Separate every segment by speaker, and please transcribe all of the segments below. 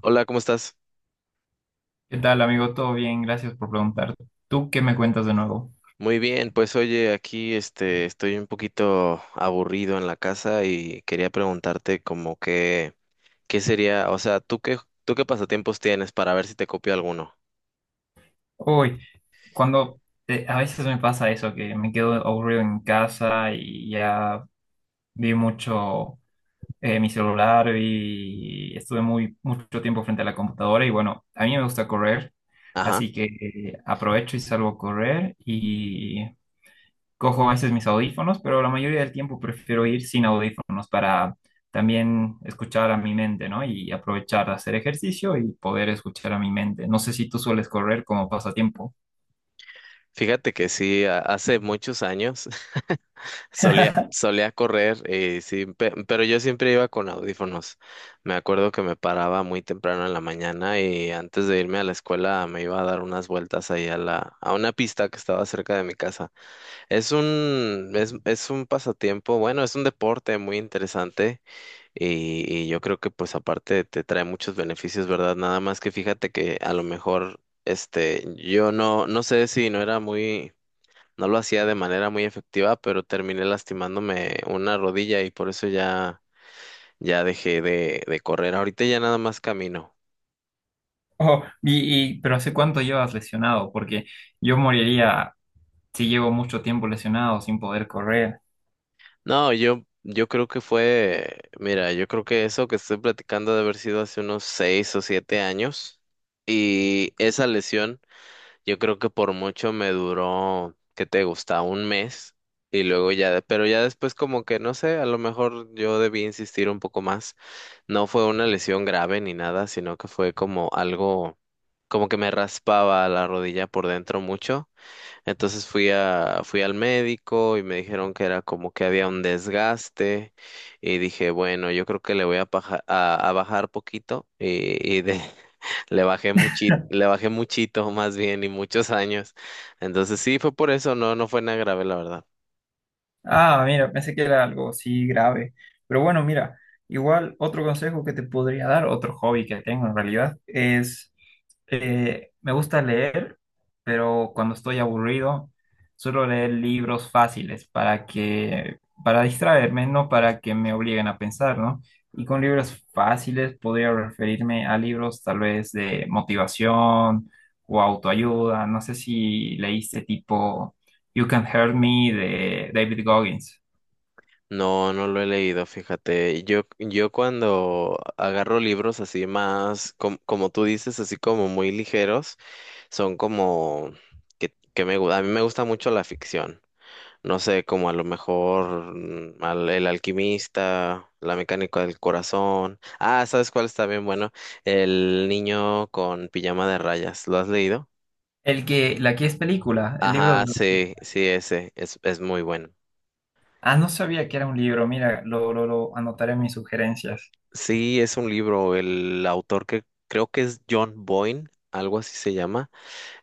Speaker 1: Hola, ¿cómo estás?
Speaker 2: ¿Qué tal, amigo? ¿Todo bien? Gracias por preguntar. ¿Tú qué me cuentas de nuevo?
Speaker 1: Muy bien, pues oye, aquí estoy un poquito aburrido en la casa y quería preguntarte como que qué sería, o sea, ¿tú qué pasatiempos tienes para ver si te copio alguno?
Speaker 2: Uy, cuando a veces me pasa eso, que me quedo aburrido en casa y ya vi mucho mi celular y estuve muy mucho tiempo frente a la computadora y bueno, a mí me gusta correr,
Speaker 1: Ajá.
Speaker 2: así que aprovecho y salgo a correr y cojo a veces mis audífonos, pero la mayoría del tiempo prefiero ir sin audífonos para también escuchar a mi mente, ¿no? Y aprovechar de hacer ejercicio y poder escuchar a mi mente. No sé si tú sueles correr como pasatiempo.
Speaker 1: Fíjate que sí, hace muchos años solía correr, sí, pero yo siempre iba con audífonos. Me acuerdo que me paraba muy temprano en la mañana y antes de irme a la escuela me iba a dar unas vueltas ahí a una pista que estaba cerca de mi casa. Es un pasatiempo, bueno, es un deporte muy interesante y yo creo que pues aparte te trae muchos beneficios, ¿verdad? Nada más que fíjate que a lo mejor, este, yo no, no sé si no era muy, no lo hacía de manera muy efectiva, pero terminé lastimándome una rodilla y por eso ya, ya dejé de correr. Ahorita ya nada más camino.
Speaker 2: Oh, pero ¿hace cuánto llevas lesionado? Porque yo moriría si llevo mucho tiempo lesionado sin poder correr.
Speaker 1: No, yo creo que fue, mira, yo creo que eso que estoy platicando ha de haber sido hace unos seis o siete años. Y esa lesión, yo creo que por mucho me duró, ¿qué te gusta? Un mes. Y luego ya, pero ya después como que no sé, a lo mejor yo debí insistir un poco más. No fue una lesión grave ni nada, sino que fue como algo, como que me raspaba la rodilla por dentro mucho. Entonces fui al médico y me dijeron que era como que había un desgaste y dije, bueno, yo creo que le voy a a bajar poquito y de, le bajé muchito más bien y muchos años. Entonces sí, fue por eso, no, no fue nada grave, la verdad.
Speaker 2: Ah, mira, pensé que era algo así grave. Pero bueno, mira, igual otro consejo que te podría dar, otro hobby que tengo en realidad, es me gusta leer, pero cuando estoy aburrido, suelo leer libros fáciles para distraerme, no para que me obliguen a pensar, ¿no? Y con libros fáciles podría referirme a libros tal vez de motivación o autoayuda. No sé si leíste tipo You Can Hurt Me de David Goggins.
Speaker 1: No, no lo he leído, fíjate. Yo cuando agarro libros así más, como tú dices, así como muy ligeros, son como que me, a mí me gusta mucho la ficción. No sé, como a lo mejor El Alquimista, La Mecánica del Corazón. Ah, ¿sabes cuál está bien bueno? El niño con pijama de rayas. ¿Lo has leído?
Speaker 2: El que, la que es película, el libro
Speaker 1: Ajá,
Speaker 2: de... los-
Speaker 1: sí, sí, es muy bueno.
Speaker 2: Ah, no sabía que era un libro. Mira, lo anotaré en mis sugerencias.
Speaker 1: Sí, es un libro, el autor que creo que es John Boyne, algo así se llama.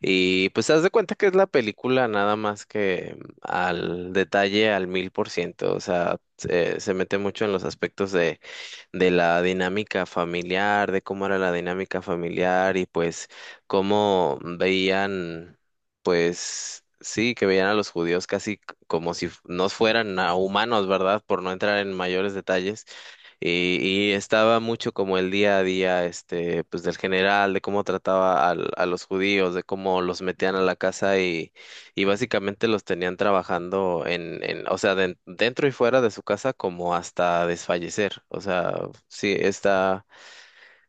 Speaker 1: Y pues haz de cuenta que es la película nada más que al detalle al mil por ciento, o sea, se mete mucho en los aspectos de la dinámica familiar, de cómo era la dinámica familiar y pues cómo veían, pues sí, que veían a los judíos como si no fueran a humanos, ¿verdad? Por no entrar en mayores detalles. Y estaba mucho como el día a día, este, pues del general, de cómo trataba a los judíos, de cómo los metían a la casa y básicamente los tenían trabajando o sea, dentro y fuera de su casa como hasta desfallecer. O sea, sí, está,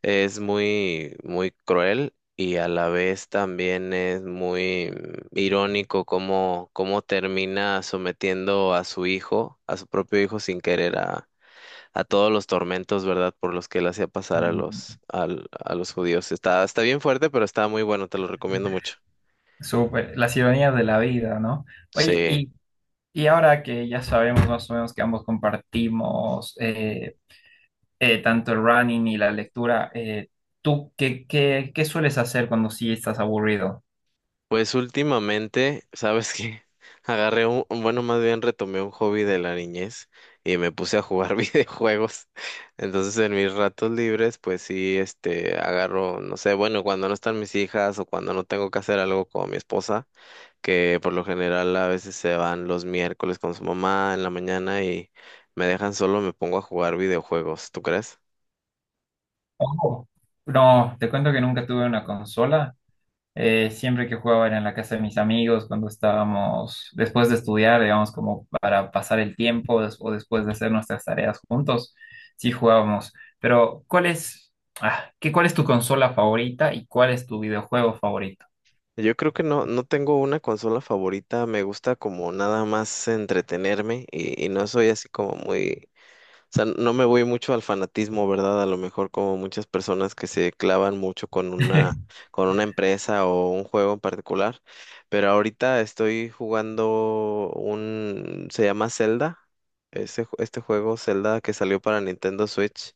Speaker 1: es muy, muy cruel y a la vez también es muy irónico cómo, cómo termina sometiendo a su hijo, a su propio hijo sin querer a todos los tormentos, ¿verdad? Por los que él hacía pasar a
Speaker 2: Mm.
Speaker 1: a los judíos. Está, está bien fuerte, pero está muy bueno, te lo recomiendo mucho.
Speaker 2: Súper, las ironías de la vida, ¿no? Oye,
Speaker 1: Sí.
Speaker 2: y ahora que ya sabemos más o menos que ambos compartimos tanto el running y la lectura, ¿tú qué sueles hacer cuando sí estás aburrido?
Speaker 1: Pues últimamente, ¿sabes qué? Más bien retomé un hobby de la niñez y me puse a jugar videojuegos. Entonces, en mis ratos libres, pues sí, este, agarro, no sé, bueno, cuando no están mis hijas o cuando no tengo que hacer algo con mi esposa, que por lo general a veces se van los miércoles con su mamá en la mañana y me dejan solo, me pongo a jugar videojuegos, ¿tú crees?
Speaker 2: Ojo, no, te cuento que nunca tuve una consola. Siempre que jugaba era en la casa de mis amigos, cuando estábamos después de estudiar, digamos, como para pasar el tiempo des- o después de hacer nuestras tareas juntos, sí jugábamos. Pero, ¿cuál es tu consola favorita y cuál es tu videojuego favorito?
Speaker 1: Yo creo que no, no tengo una consola favorita, me gusta como nada más entretenerme y no soy así como muy, o sea, no me voy mucho al fanatismo, ¿verdad? A lo mejor como muchas personas que se clavan mucho con una empresa o un juego en particular, pero ahorita estoy jugando un, se llama Zelda, ese, este juego Zelda que salió para Nintendo Switch.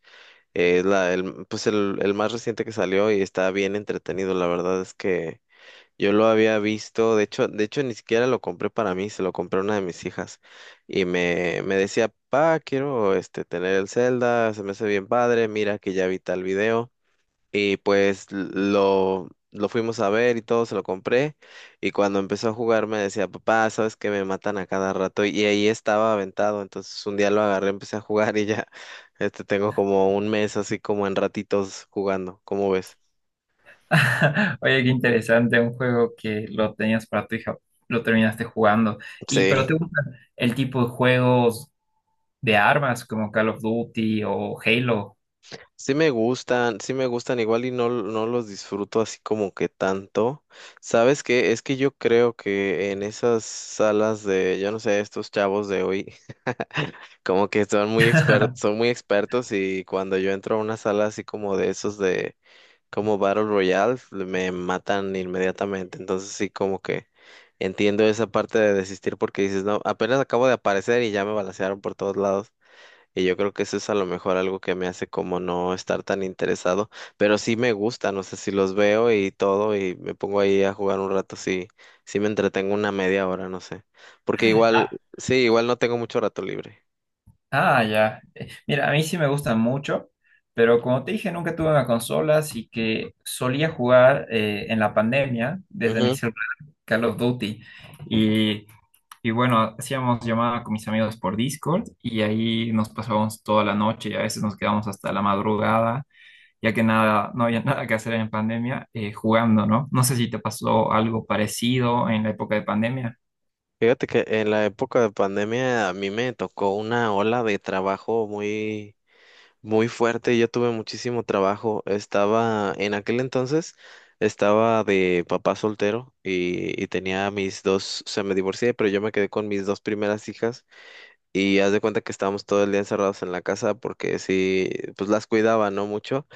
Speaker 1: Es la, el, pues el más reciente que salió y está bien entretenido. La verdad es que yo lo había visto, de hecho ni siquiera lo compré para mí, se lo compré a una de mis hijas y me decía, pa, quiero tener el Zelda, se me hace bien padre, mira que ya vi tal video y pues lo fuimos a ver y todo, se lo compré y cuando empezó a jugar me decía, papá, sabes que me matan a cada rato y ahí estaba aventado, entonces un día lo agarré, empecé a jugar y ya, tengo como un mes así como en ratitos jugando, ¿cómo ves?
Speaker 2: Oye, qué interesante, un juego que lo tenías para tu hija, lo terminaste jugando. Y,
Speaker 1: Sí.
Speaker 2: pero ¿te gusta el tipo de juegos de armas como Call of Duty o Halo?
Speaker 1: Sí me gustan, sí me gustan, igual y no, no los disfruto así como que tanto. ¿Sabes qué? Es que yo creo que en esas salas de, yo no sé, estos chavos de hoy, como que son muy expertos y cuando yo entro a una sala así como de como Battle Royale, me matan inmediatamente. Entonces sí como que entiendo esa parte de desistir porque dices, no, apenas acabo de aparecer y ya me balancearon por todos lados. Y yo creo que eso es a lo mejor algo que me hace como no estar tan interesado, pero sí me gusta, no sé si los veo y todo y me pongo ahí a jugar un rato, sí, sí me entretengo una media hora, no sé, porque igual,
Speaker 2: Ah,
Speaker 1: sí, igual no tengo mucho rato libre.
Speaker 2: Ah, ya. Mira, a mí sí me gustan mucho, pero como te dije, nunca tuve una consola, así que solía jugar en la pandemia desde mi
Speaker 1: Ujú.
Speaker 2: celular Call of Duty. Y, y bueno, hacíamos llamada con mis amigos por Discord y ahí nos pasábamos toda la noche, a veces nos quedábamos hasta la madrugada, ya que nada, no había nada que hacer en pandemia jugando, ¿no? No sé si te pasó algo parecido en la época de pandemia.
Speaker 1: Fíjate que en la época de pandemia a mí me tocó una ola de trabajo muy fuerte, yo tuve muchísimo trabajo. Estaba, en aquel entonces, estaba de papá soltero y tenía se me divorcié, pero yo me quedé con mis dos primeras hijas y haz de cuenta que estábamos todo el día encerrados en la casa porque sí, pues las cuidaba, no mucho.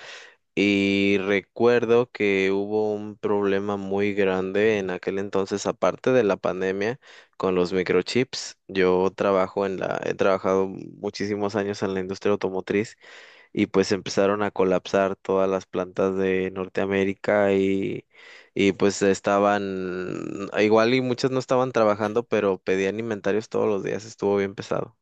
Speaker 1: Y recuerdo que hubo un problema muy grande en aquel entonces, aparte de la pandemia, con los microchips. Yo trabajo he trabajado muchísimos años en la industria automotriz y pues empezaron a colapsar todas las plantas de Norteamérica y pues estaban, igual y muchas no estaban trabajando, pero pedían inventarios todos los días, estuvo bien pesado.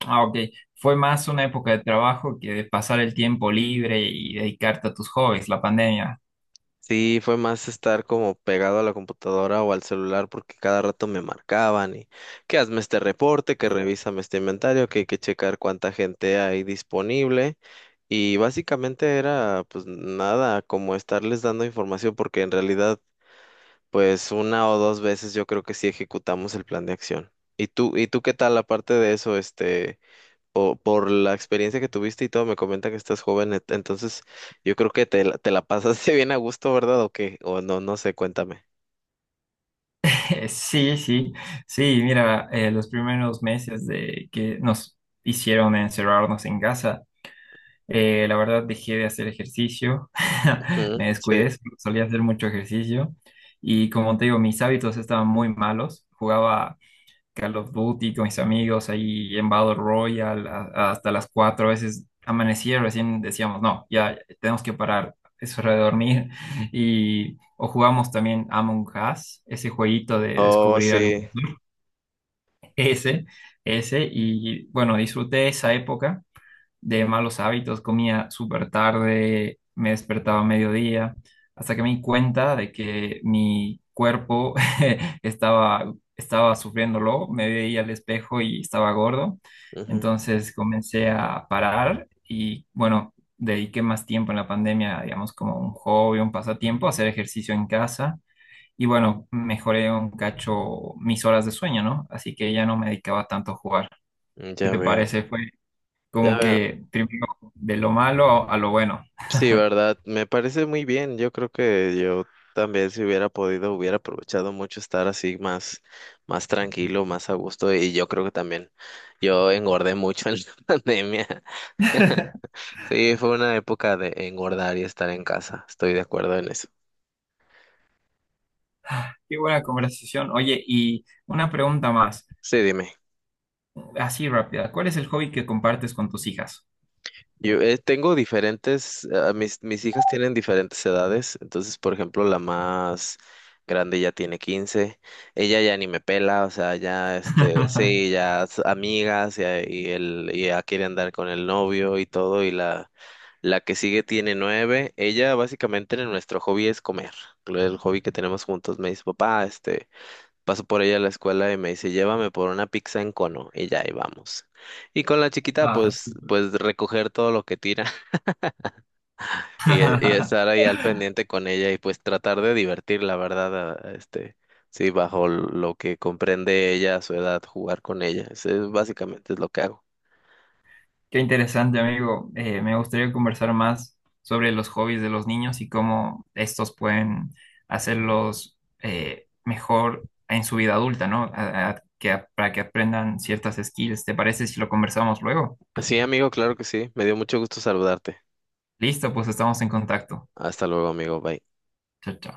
Speaker 2: Ah, ok. Fue más una época de trabajo que de pasar el tiempo libre y dedicarte a tus hobbies, la pandemia.
Speaker 1: Sí, fue más estar como pegado a la computadora o al celular porque cada rato me marcaban y que hazme este reporte, que revísame este inventario, que hay que checar cuánta gente hay disponible. Y básicamente era pues nada, como estarles dando información porque en realidad pues una o dos veces yo creo que sí ejecutamos el plan de acción. Y tú qué tal aparte de eso, este, o por la experiencia que tuviste y todo, me comenta que estás joven, entonces yo creo que te la pasaste bien a gusto, ¿verdad? ¿O qué? O no, no sé, cuéntame.
Speaker 2: Sí, sí, sí, mira, los primeros meses de que nos hicieron encerrarnos en casa, la verdad dejé de hacer ejercicio,
Speaker 1: Ujú,
Speaker 2: me
Speaker 1: sí.
Speaker 2: descuidé, solía hacer mucho ejercicio y como te digo, mis hábitos estaban muy malos, jugaba Call of Duty con mis amigos ahí en Battle Royale a- hasta las 4 a veces amanecía, recién decíamos, no, ya tenemos que parar, es hora de dormir. Y, o jugamos también Among Us, ese jueguito de
Speaker 1: Oh,
Speaker 2: descubrir al
Speaker 1: sí.
Speaker 2: impostor, ese, y bueno, disfruté esa época de malos hábitos, comía súper tarde, me despertaba a mediodía, hasta que me di cuenta de que mi cuerpo estaba sufriéndolo, me veía al espejo y estaba gordo,
Speaker 1: Ujú.
Speaker 2: entonces comencé a parar y bueno, dediqué más tiempo en la pandemia, digamos, como un hobby, un pasatiempo, hacer ejercicio en casa. Y bueno, mejoré un cacho mis horas de sueño, ¿no? Así que ya no me dedicaba tanto a jugar. ¿Qué
Speaker 1: Ya
Speaker 2: te
Speaker 1: veo.
Speaker 2: parece?
Speaker 1: Ya
Speaker 2: Como
Speaker 1: veo.
Speaker 2: que primero de lo malo a lo bueno.
Speaker 1: Sí, verdad, me parece muy bien. Yo creo que yo también si hubiera podido hubiera aprovechado mucho estar así más más tranquilo, más a gusto y yo creo que también yo engordé mucho en la pandemia. Sí, fue una época de engordar y estar en casa. Estoy de acuerdo en eso.
Speaker 2: Qué buena conversación. Oye, y una pregunta más,
Speaker 1: Sí, dime.
Speaker 2: así rápida. ¿Cuál es el hobby que compartes con tus hijas?
Speaker 1: Yo, tengo diferentes, ah, mis hijas tienen diferentes edades, entonces, por ejemplo, la más grande ya tiene 15, ella ya ni me pela, o sea, ya, este, sí, ya es amigas, y ya quiere andar con el novio y todo, y la que sigue tiene 9, ella básicamente en nuestro hobby es comer, el hobby que tenemos juntos, me dice, papá, este, paso por ella a la escuela y me dice, llévame por una pizza en cono, y ya ahí vamos. Y con la chiquita,
Speaker 2: Ah,
Speaker 1: pues,
Speaker 2: súper.
Speaker 1: pues recoger todo lo que tira y estar ahí al pendiente con ella y pues tratar de divertir, la verdad, a este, sí, bajo lo que comprende ella a su edad, jugar con ella. Eso es básicamente es lo que hago.
Speaker 2: Qué interesante, amigo. Me gustaría conversar más sobre los hobbies de los niños y cómo estos pueden hacerlos mejor en su vida adulta, ¿no? Para que aprendan ciertas skills. ¿Te parece si lo conversamos luego?
Speaker 1: Sí, amigo, claro que sí. Me dio mucho gusto saludarte.
Speaker 2: Listo, pues estamos en contacto.
Speaker 1: Hasta luego, amigo. Bye.
Speaker 2: Chao, chao.